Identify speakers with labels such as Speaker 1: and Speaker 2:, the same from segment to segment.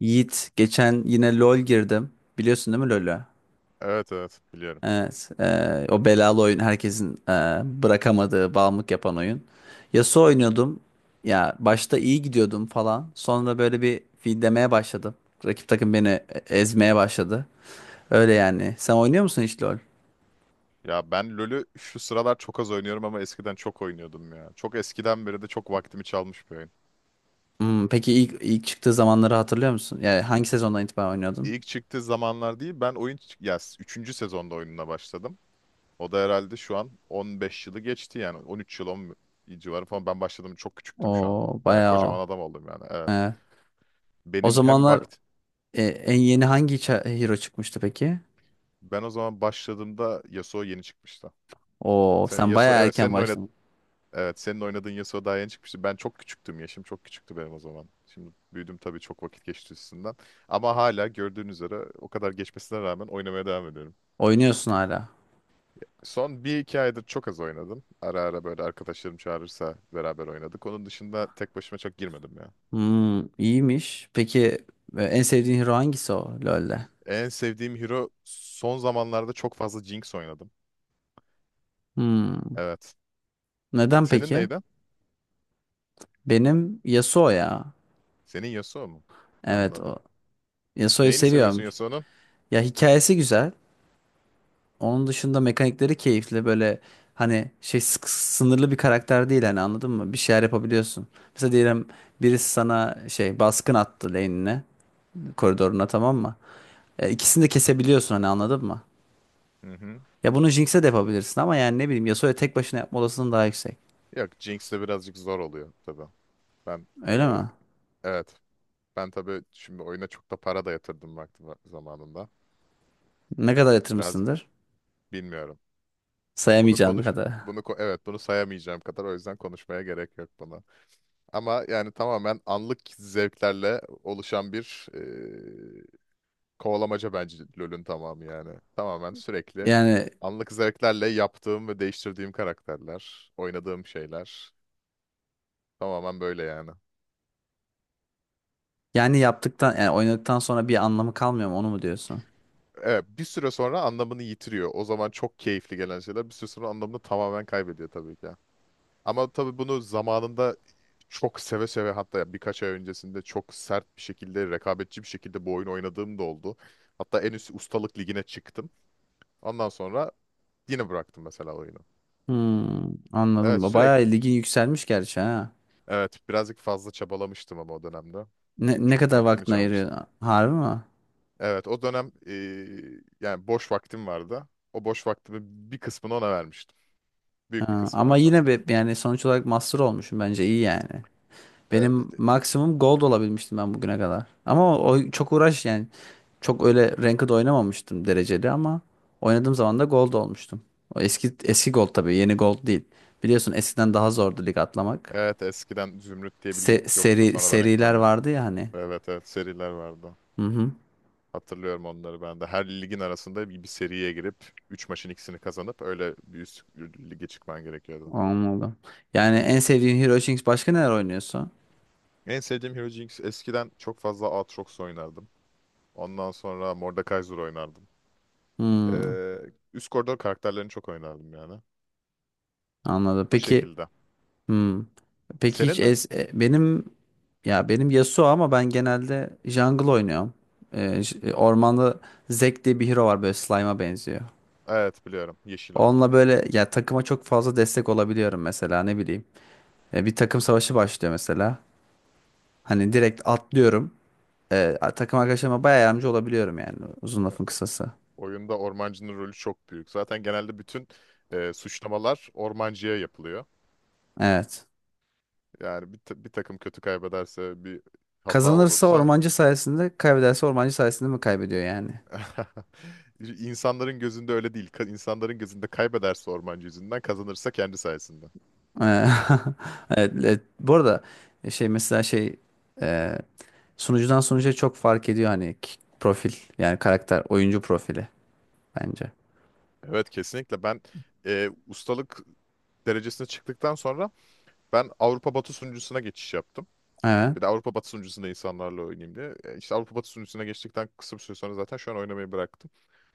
Speaker 1: Yiğit geçen yine LoL girdim. Biliyorsun değil mi LoL'ü?
Speaker 2: Evet, evet, biliyorum.
Speaker 1: Evet. O belalı oyun herkesin bırakamadığı, bağımlılık yapan oyun. Yasuo oynuyordum. Ya başta iyi gidiyordum falan. Sonra böyle bir feedlemeye başladım. Rakip takım beni ezmeye başladı. Öyle yani. Sen oynuyor musun hiç LoL?
Speaker 2: Ya ben LoL'ü şu sıralar çok az oynuyorum, ama eskiden çok oynuyordum ya. Çok eskiden beri de çok vaktimi çalmış bir oyun.
Speaker 1: Hmm, peki ilk çıktığı zamanları hatırlıyor musun? Yani hangi sezondan itibaren oynuyordun?
Speaker 2: İlk çıktığı zamanlar değil, ben oyun ya 3. sezonda oyununa başladım. O da herhalde şu an 15 yılı geçti, yani 13 yıl 10 civarı falan ben başladım, çok küçüktüm. Şu an
Speaker 1: O
Speaker 2: baya
Speaker 1: bayağı
Speaker 2: kocaman
Speaker 1: o.
Speaker 2: adam oldum yani. Evet.
Speaker 1: Evet. O
Speaker 2: Benim hem
Speaker 1: zamanlar
Speaker 2: vakt
Speaker 1: en yeni hangi hero çıkmıştı peki?
Speaker 2: ben o zaman başladığımda Yasuo yeni çıkmıştı.
Speaker 1: Oo,
Speaker 2: Senin
Speaker 1: sen
Speaker 2: Yasuo
Speaker 1: bayağı
Speaker 2: evet
Speaker 1: erken
Speaker 2: senin oynadığın
Speaker 1: başladın.
Speaker 2: Evet, senin oynadığın Yasuo daha yeni çıkmıştı. Ben çok küçüktüm. Yaşım çok küçüktü benim o zaman. Şimdi büyüdüm tabii, çok vakit geçti üstünden. Ama hala gördüğün üzere o kadar geçmesine rağmen oynamaya devam ediyorum.
Speaker 1: Oynuyorsun hala.
Speaker 2: Son bir iki aydır çok az oynadım. Ara ara böyle arkadaşlarım çağırırsa beraber oynadık. Onun dışında tek başıma çok girmedim ya.
Speaker 1: Hmm, iyiymiş. Peki en sevdiğin hero hangisi o LoL'de?
Speaker 2: En sevdiğim hero, son zamanlarda çok fazla Jinx oynadım.
Speaker 1: Hmm,
Speaker 2: Evet.
Speaker 1: neden
Speaker 2: Senin
Speaker 1: peki?
Speaker 2: neydi?
Speaker 1: Benim Yasuo ya.
Speaker 2: Senin Yasuo mu?
Speaker 1: Evet o.
Speaker 2: Anladım.
Speaker 1: Yasuo'yu
Speaker 2: Neyini seviyorsun
Speaker 1: seviyorum.
Speaker 2: Yasuo'nun?
Speaker 1: Ya hikayesi güzel. Onun dışında mekanikleri keyifli. Böyle hani şey sınırlı bir karakter değil hani anladın mı? Bir şeyler yapabiliyorsun. Mesela diyelim birisi sana şey baskın attı lane'ine, koridoruna tamam mı? İkisini de kesebiliyorsun hani anladın mı?
Speaker 2: Hı hı.
Speaker 1: Ya bunu Jinx'e de yapabilirsin ama yani ne bileyim Yasuo'ya tek başına yapma olasılığın daha yüksek.
Speaker 2: Yok, Jinx'le birazcık zor oluyor tabii. Ben e,
Speaker 1: Öyle mi?
Speaker 2: evet. Ben tabii şimdi oyuna çok da para da yatırdım zamanında.
Speaker 1: Ne kadar
Speaker 2: Birazcık
Speaker 1: yatırmışsındır?
Speaker 2: bilmiyorum. Bunu
Speaker 1: Sayamayacağım
Speaker 2: konuş
Speaker 1: kadar.
Speaker 2: bunu ko- evet bunu sayamayacağım kadar, o yüzden konuşmaya gerek yok buna. Ama yani tamamen anlık zevklerle oluşan bir kovalamaca bence LoL'ün tamamı yani. Tamamen sürekli
Speaker 1: Yani
Speaker 2: anlık zevklerle yaptığım ve değiştirdiğim karakterler, oynadığım şeyler tamamen böyle yani.
Speaker 1: yani yaptıktan yani oynadıktan sonra bir anlamı kalmıyor mu onu mu diyorsun?
Speaker 2: Evet, bir süre sonra anlamını yitiriyor. O zaman çok keyifli gelen şeyler bir süre sonra anlamını tamamen kaybediyor tabii ki. Ama tabii bunu zamanında çok seve seve, hatta birkaç ay öncesinde çok sert bir şekilde, rekabetçi bir şekilde bu oyunu oynadığım da oldu. Hatta en üst ustalık ligine çıktım. Ondan sonra yine bıraktım mesela oyunu.
Speaker 1: Hmm,
Speaker 2: Evet,
Speaker 1: anladım. Bayağı
Speaker 2: sürekli.
Speaker 1: ligin yükselmiş gerçi ha.
Speaker 2: Evet, birazcık fazla çabalamıştım ama o dönemde.
Speaker 1: Ne
Speaker 2: Çok
Speaker 1: kadar
Speaker 2: vaktimi
Speaker 1: vaktini
Speaker 2: çalmıştı.
Speaker 1: ayırıyor? Harbi mi?
Speaker 2: Evet, o dönem yani boş vaktim vardı. O boş vaktimi bir kısmını ona vermiştim. Büyük bir
Speaker 1: Ha,
Speaker 2: kısmını
Speaker 1: ama
Speaker 2: hem de.
Speaker 1: yine be, yani sonuç olarak master olmuşum bence iyi yani.
Speaker 2: Evet,
Speaker 1: Benim
Speaker 2: evet.
Speaker 1: maksimum gold olabilmiştim ben bugüne kadar. Ama o çok uğraş yani. Çok öyle ranked oynamamıştım dereceli ama oynadığım zaman da gold olmuştum. O eski eski gold tabii, yeni gold değil. Biliyorsun eskiden daha zordu lig atlamak.
Speaker 2: Evet, eskiden Zümrüt diye bir lig yoktu,
Speaker 1: Seri
Speaker 2: sonradan
Speaker 1: seriler
Speaker 2: eklendi.
Speaker 1: vardı ya hani.
Speaker 2: Evet, evet, seriler vardı.
Speaker 1: Hı hı.
Speaker 2: Hatırlıyorum onları ben de. Her ligin arasında bir seriye girip 3 maçın ikisini kazanıp öyle bir üst lige çıkman gerekiyordu.
Speaker 1: Anladım. Yani en sevdiğin Hero Jinx başka neler oynuyorsun?
Speaker 2: En sevdiğim hero Jinx. Eskiden çok fazla Aatrox oynardım. Ondan sonra Mordekaiser oynardım.
Speaker 1: Hmm,
Speaker 2: Ee, üst koridor karakterlerini çok oynardım yani.
Speaker 1: anladım.
Speaker 2: O
Speaker 1: Peki.
Speaker 2: şekilde.
Speaker 1: Hmm. Peki hiç
Speaker 2: Senin ne?
Speaker 1: es e, benim, ya benim Yasuo ama ben genelde jungle oynuyorum. Ormanda Zek diye bir hero var böyle slime'a benziyor.
Speaker 2: Evet, biliyorum. Yeşil olan.
Speaker 1: Onunla böyle ya takıma çok fazla destek olabiliyorum mesela ne bileyim. Bir takım savaşı başlıyor mesela. Hani direkt atlıyorum. Takım arkadaşlarıma bayağı yardımcı olabiliyorum yani uzun
Speaker 2: Ya,
Speaker 1: lafın kısası.
Speaker 2: oyunda ormancının rolü çok büyük. Zaten genelde bütün suçlamalar ormancıya yapılıyor.
Speaker 1: Evet.
Speaker 2: Yani bir takım kötü kaybederse, bir hata
Speaker 1: Kazanırsa
Speaker 2: olursa...
Speaker 1: ormancı sayesinde, kaybederse ormancı sayesinde mi kaybediyor yani?
Speaker 2: İnsanların gözünde öyle değil. İnsanların gözünde kaybederse ormancı yüzünden, kazanırsa kendi sayesinde.
Speaker 1: Eee, Evet, evet. Bu arada e, şey mesela şey eee, sunucudan sunucuya çok fark ediyor hani profil yani karakter oyuncu profili bence.
Speaker 2: Evet, kesinlikle. Ben ustalık derecesine çıktıktan sonra ben Avrupa Batı sunucusuna geçiş yaptım.
Speaker 1: Evet.
Speaker 2: Bir de Avrupa Batı sunucusunda insanlarla oynayayım diye. İşte Avrupa Batı sunucusuna geçtikten kısa bir süre sonra zaten şu an oynamayı bıraktım.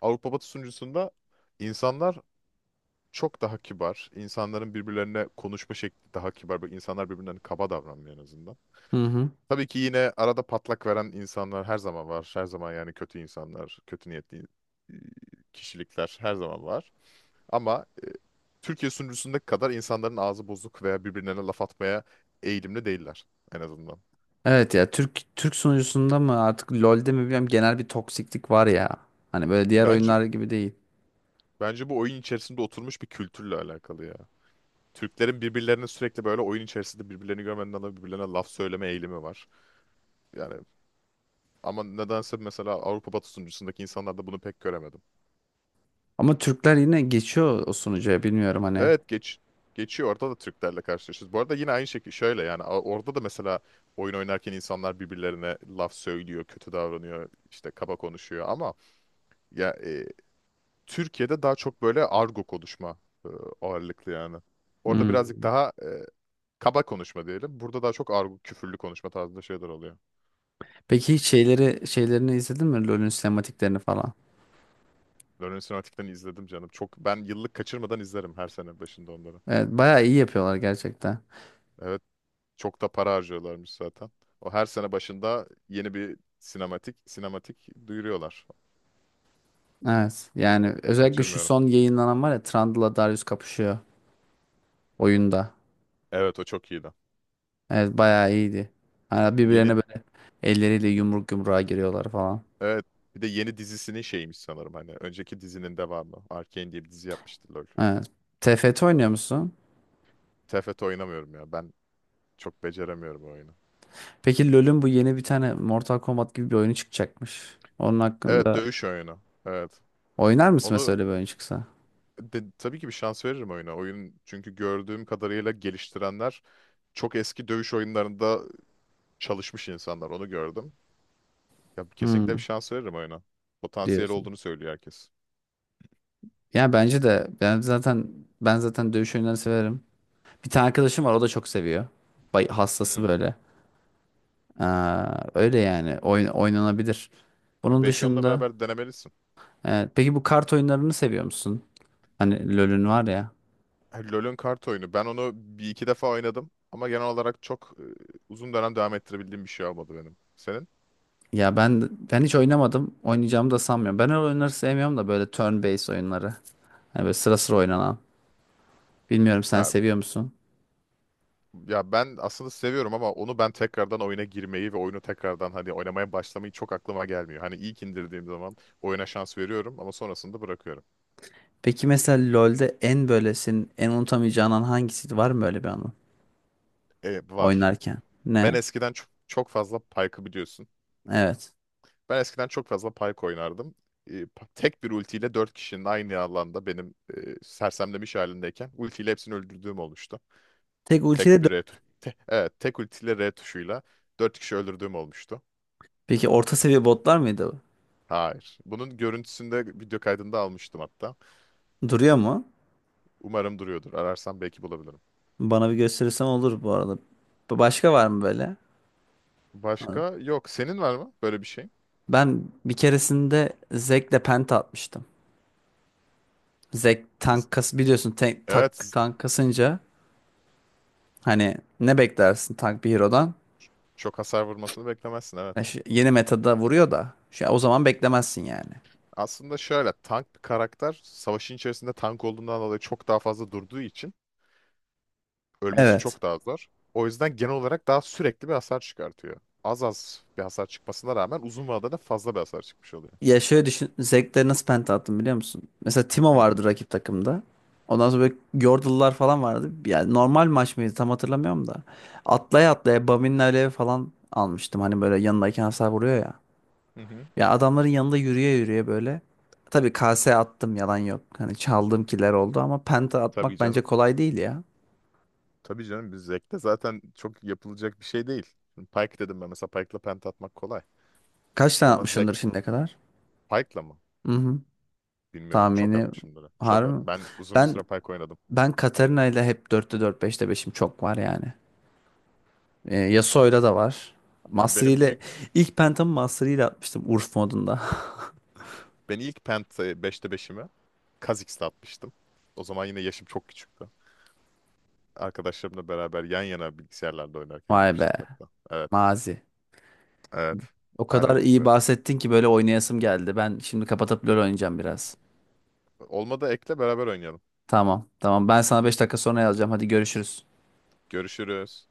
Speaker 2: Avrupa Batı sunucusunda insanlar çok daha kibar. İnsanların birbirlerine konuşma şekli daha kibar. Böyle İnsanlar birbirlerine kaba davranmıyor en azından.
Speaker 1: Hı hı.
Speaker 2: Tabii ki yine arada patlak veren insanlar her zaman var. Her zaman yani, kötü insanlar, kötü niyetli e, kişilikler her zaman var. Ama Türkiye sunucusundaki kadar insanların ağzı bozuk veya birbirlerine laf atmaya eğilimli değiller en azından.
Speaker 1: Evet ya Türk sunucusunda mı artık LoL'de mi bilmiyorum genel bir toksiklik var ya. Hani böyle diğer
Speaker 2: Bence
Speaker 1: oyunlar gibi değil.
Speaker 2: bence bu oyun içerisinde oturmuş bir kültürle alakalı ya. Türklerin birbirlerine sürekli böyle oyun içerisinde, birbirlerini görmeden dolayı birbirlerine laf söyleme eğilimi var. Yani ama nedense mesela Avrupa Batı sunucusundaki insanlarda bunu pek göremedim.
Speaker 1: Ama Türkler yine geçiyor o sunucuya bilmiyorum hani.
Speaker 2: Evet, geçiyor orada da Türklerle karşılaşıyoruz. Bu arada yine aynı şekilde şöyle yani, orada da mesela oyun oynarken insanlar birbirlerine laf söylüyor, kötü davranıyor, işte kaba konuşuyor ama ya Türkiye'de daha çok böyle argo konuşma e, ağırlıklı yani. Orada
Speaker 1: Hmm.
Speaker 2: birazcık daha kaba konuşma diyelim. Burada daha çok argo, küfürlü konuşma tarzında şeyler oluyor.
Speaker 1: Peki hiç şeyleri şeylerini izledin mi LoL'ün sinematiklerini falan?
Speaker 2: Learning Sinematik'ten izledim canım. Çok, ben yıllık kaçırmadan izlerim her sene başında onları.
Speaker 1: Evet bayağı iyi yapıyorlar gerçekten.
Speaker 2: Evet. Çok da para harcıyorlarmış zaten. O her sene başında yeni bir sinematik duyuruyorlar.
Speaker 1: Evet yani özellikle şu
Speaker 2: Kaçırmıyorum.
Speaker 1: son yayınlanan var ya Trundle'la Darius kapışıyor oyunda.
Speaker 2: Evet, o çok iyiydi.
Speaker 1: Evet bayağı iyiydi. Hani birbirlerine
Speaker 2: Yeni
Speaker 1: böyle elleriyle yumruk yumruğa giriyorlar falan.
Speaker 2: evet, bir de yeni dizisinin şeymiş sanırım, hani önceki dizinin devamı. Arcane diye bir dizi yapmıştı LoL.
Speaker 1: Evet. TFT oynuyor musun?
Speaker 2: TFT oynamıyorum ya. Ben çok beceremiyorum o oyunu.
Speaker 1: Peki LoL'ün bu yeni bir tane Mortal Kombat gibi bir oyunu çıkacakmış. Onun
Speaker 2: Evet,
Speaker 1: hakkında
Speaker 2: dövüş oyunu. Evet.
Speaker 1: oynar mısın mesela
Speaker 2: Onu
Speaker 1: öyle bir oyun çıksa?
Speaker 2: tabii ki bir şans veririm oyuna. Oyun çünkü gördüğüm kadarıyla, geliştirenler çok eski dövüş oyunlarında çalışmış insanlar. Onu gördüm. Ya kesinlikle bir
Speaker 1: Hmm,
Speaker 2: şans veririm oyuna. Potansiyel
Speaker 1: diyorsun.
Speaker 2: olduğunu söylüyor herkes.
Speaker 1: Ya bence de ben zaten dövüş oyunlarını severim. Bir tane arkadaşım var o da çok seviyor. Hastası
Speaker 2: Hmm.
Speaker 1: böyle. Aa, öyle yani oyun oynanabilir.
Speaker 2: Ya
Speaker 1: Bunun
Speaker 2: belki onunla
Speaker 1: dışında
Speaker 2: beraber denemelisin.
Speaker 1: peki bu kart oyunlarını seviyor musun? Hani LoL'ün var ya.
Speaker 2: Ha, LoL'ün kart oyunu. Ben onu bir iki defa oynadım. Ama genel olarak çok uzun dönem devam ettirebildiğim bir şey olmadı benim. Senin?
Speaker 1: Ya ben hiç oynamadım. Oynayacağımı da sanmıyorum. Ben öyle oyunları sevmiyorum da böyle turn-based oyunları. Hani böyle sıra sıra oynanan. Bilmiyorum sen
Speaker 2: Ya,
Speaker 1: seviyor musun?
Speaker 2: ya, ben aslında seviyorum, ama onu ben tekrardan oyuna girmeyi ve oyunu tekrardan hani oynamaya başlamayı çok aklıma gelmiyor. Hani ilk indirdiğim zaman oyuna şans veriyorum ama sonrasında bırakıyorum.
Speaker 1: Peki mesela LoL'de en böyle senin en unutamayacağın an hangisiydi? Var mı öyle bir anı?
Speaker 2: Var.
Speaker 1: Oynarken.
Speaker 2: Ben
Speaker 1: Ne?
Speaker 2: eskiden çok, çok fazla Pike'ı biliyorsun.
Speaker 1: Evet.
Speaker 2: Ben eskiden çok fazla Pyke oynardım. Tek bir ultiyle dört kişinin aynı alanda, benim sersemlemiş halindeyken, ultiyle hepsini öldürdüğüm olmuştu.
Speaker 1: Tek
Speaker 2: Tek
Speaker 1: ultiyle
Speaker 2: bir R tu- te- evet, tek ultiyle R tuşuyla dört kişi öldürdüğüm olmuştu.
Speaker 1: peki orta seviye botlar mıydı?
Speaker 2: Hayır. Bunun görüntüsünde video kaydında almıştım hatta.
Speaker 1: Bu? Duruyor mu?
Speaker 2: Umarım duruyordur. Ararsam belki bulabilirim.
Speaker 1: Bana bir gösterirsen olur bu arada. Başka var mı böyle?
Speaker 2: Başka yok. Senin var mı böyle bir şey?
Speaker 1: Ben bir keresinde Zek'le penta atmıştım. Zek tank
Speaker 2: Z-
Speaker 1: kas biliyorsun
Speaker 2: Evet.
Speaker 1: tank kasınca hani ne beklersin tank bir hero'dan?
Speaker 2: Çok hasar vurmasını beklemezsin.
Speaker 1: Ya
Speaker 2: Evet.
Speaker 1: yeni metada vuruyor da şu, o zaman beklemezsin yani.
Speaker 2: Aslında şöyle, tank bir karakter savaşın içerisinde tank olduğundan dolayı çok daha fazla durduğu için ölmesi
Speaker 1: Evet.
Speaker 2: çok daha zor. O yüzden genel olarak daha sürekli bir hasar çıkartıyor. Az az bir hasar çıkmasına rağmen uzun vadede fazla bir hasar çıkmış oluyor.
Speaker 1: Ya şöyle düşün Zek'le nasıl penta attım biliyor musun? Mesela Timo
Speaker 2: Hı
Speaker 1: vardı rakip takımda. Ondan sonra böyle Yordle'lar falan vardı. Yani normal maç mıydı tam hatırlamıyorum da. Atlaya atlaya Bamin'le alev falan almıştım. Hani böyle yanındaki hasar vuruyor ya.
Speaker 2: hı. Hı.
Speaker 1: Ya adamların yanında yürüye yürüye böyle. Tabii kase attım yalan yok. Hani çaldığım kiler oldu ama penta
Speaker 2: Tabii
Speaker 1: atmak bence
Speaker 2: canım.
Speaker 1: kolay değil ya.
Speaker 2: Tabii canım, biz Zek'te zaten çok yapılacak bir şey değil. Şimdi Pike dedim, ben mesela Pike'la penta atmak kolay.
Speaker 1: Kaç tane
Speaker 2: Ama Zek
Speaker 1: atmışsındır şimdiye kadar?
Speaker 2: Pike'la mı?
Speaker 1: Hı hı.
Speaker 2: Bilmiyorum. Çok
Speaker 1: Tahmini
Speaker 2: atmışımdır. Çok
Speaker 1: harbi
Speaker 2: at.
Speaker 1: mi?
Speaker 2: Ben uzun bir
Speaker 1: Ben
Speaker 2: süre Pike oynadım.
Speaker 1: Ben Katarina ile hep 4'te 4 5'te 5'im çok var yani. Yasuo'yla da var.
Speaker 2: Ya
Speaker 1: Master
Speaker 2: benim
Speaker 1: ile
Speaker 2: büyük
Speaker 1: ilk pentamı Master ile atmıştım Urf modunda.
Speaker 2: ben ilk penta beşte 5'imi Kha'Zix'te atmıştım. O zaman yine yaşım çok küçüktü. Arkadaşlarımla beraber yan yana bilgisayarlarda oynarken
Speaker 1: Vay be.
Speaker 2: yapmıştık hatta. Evet.
Speaker 1: Mazi.
Speaker 2: Evet.
Speaker 1: O
Speaker 2: Hala
Speaker 1: kadar iyi
Speaker 2: unutmuyorum.
Speaker 1: bahsettin ki böyle oynayasım geldi. Ben şimdi kapatıp LoL oynayacağım biraz.
Speaker 2: Olmadı ekle beraber oynayalım.
Speaker 1: Tamam, tamam. Ben sana 5 dakika sonra yazacağım. Hadi görüşürüz.
Speaker 2: Görüşürüz.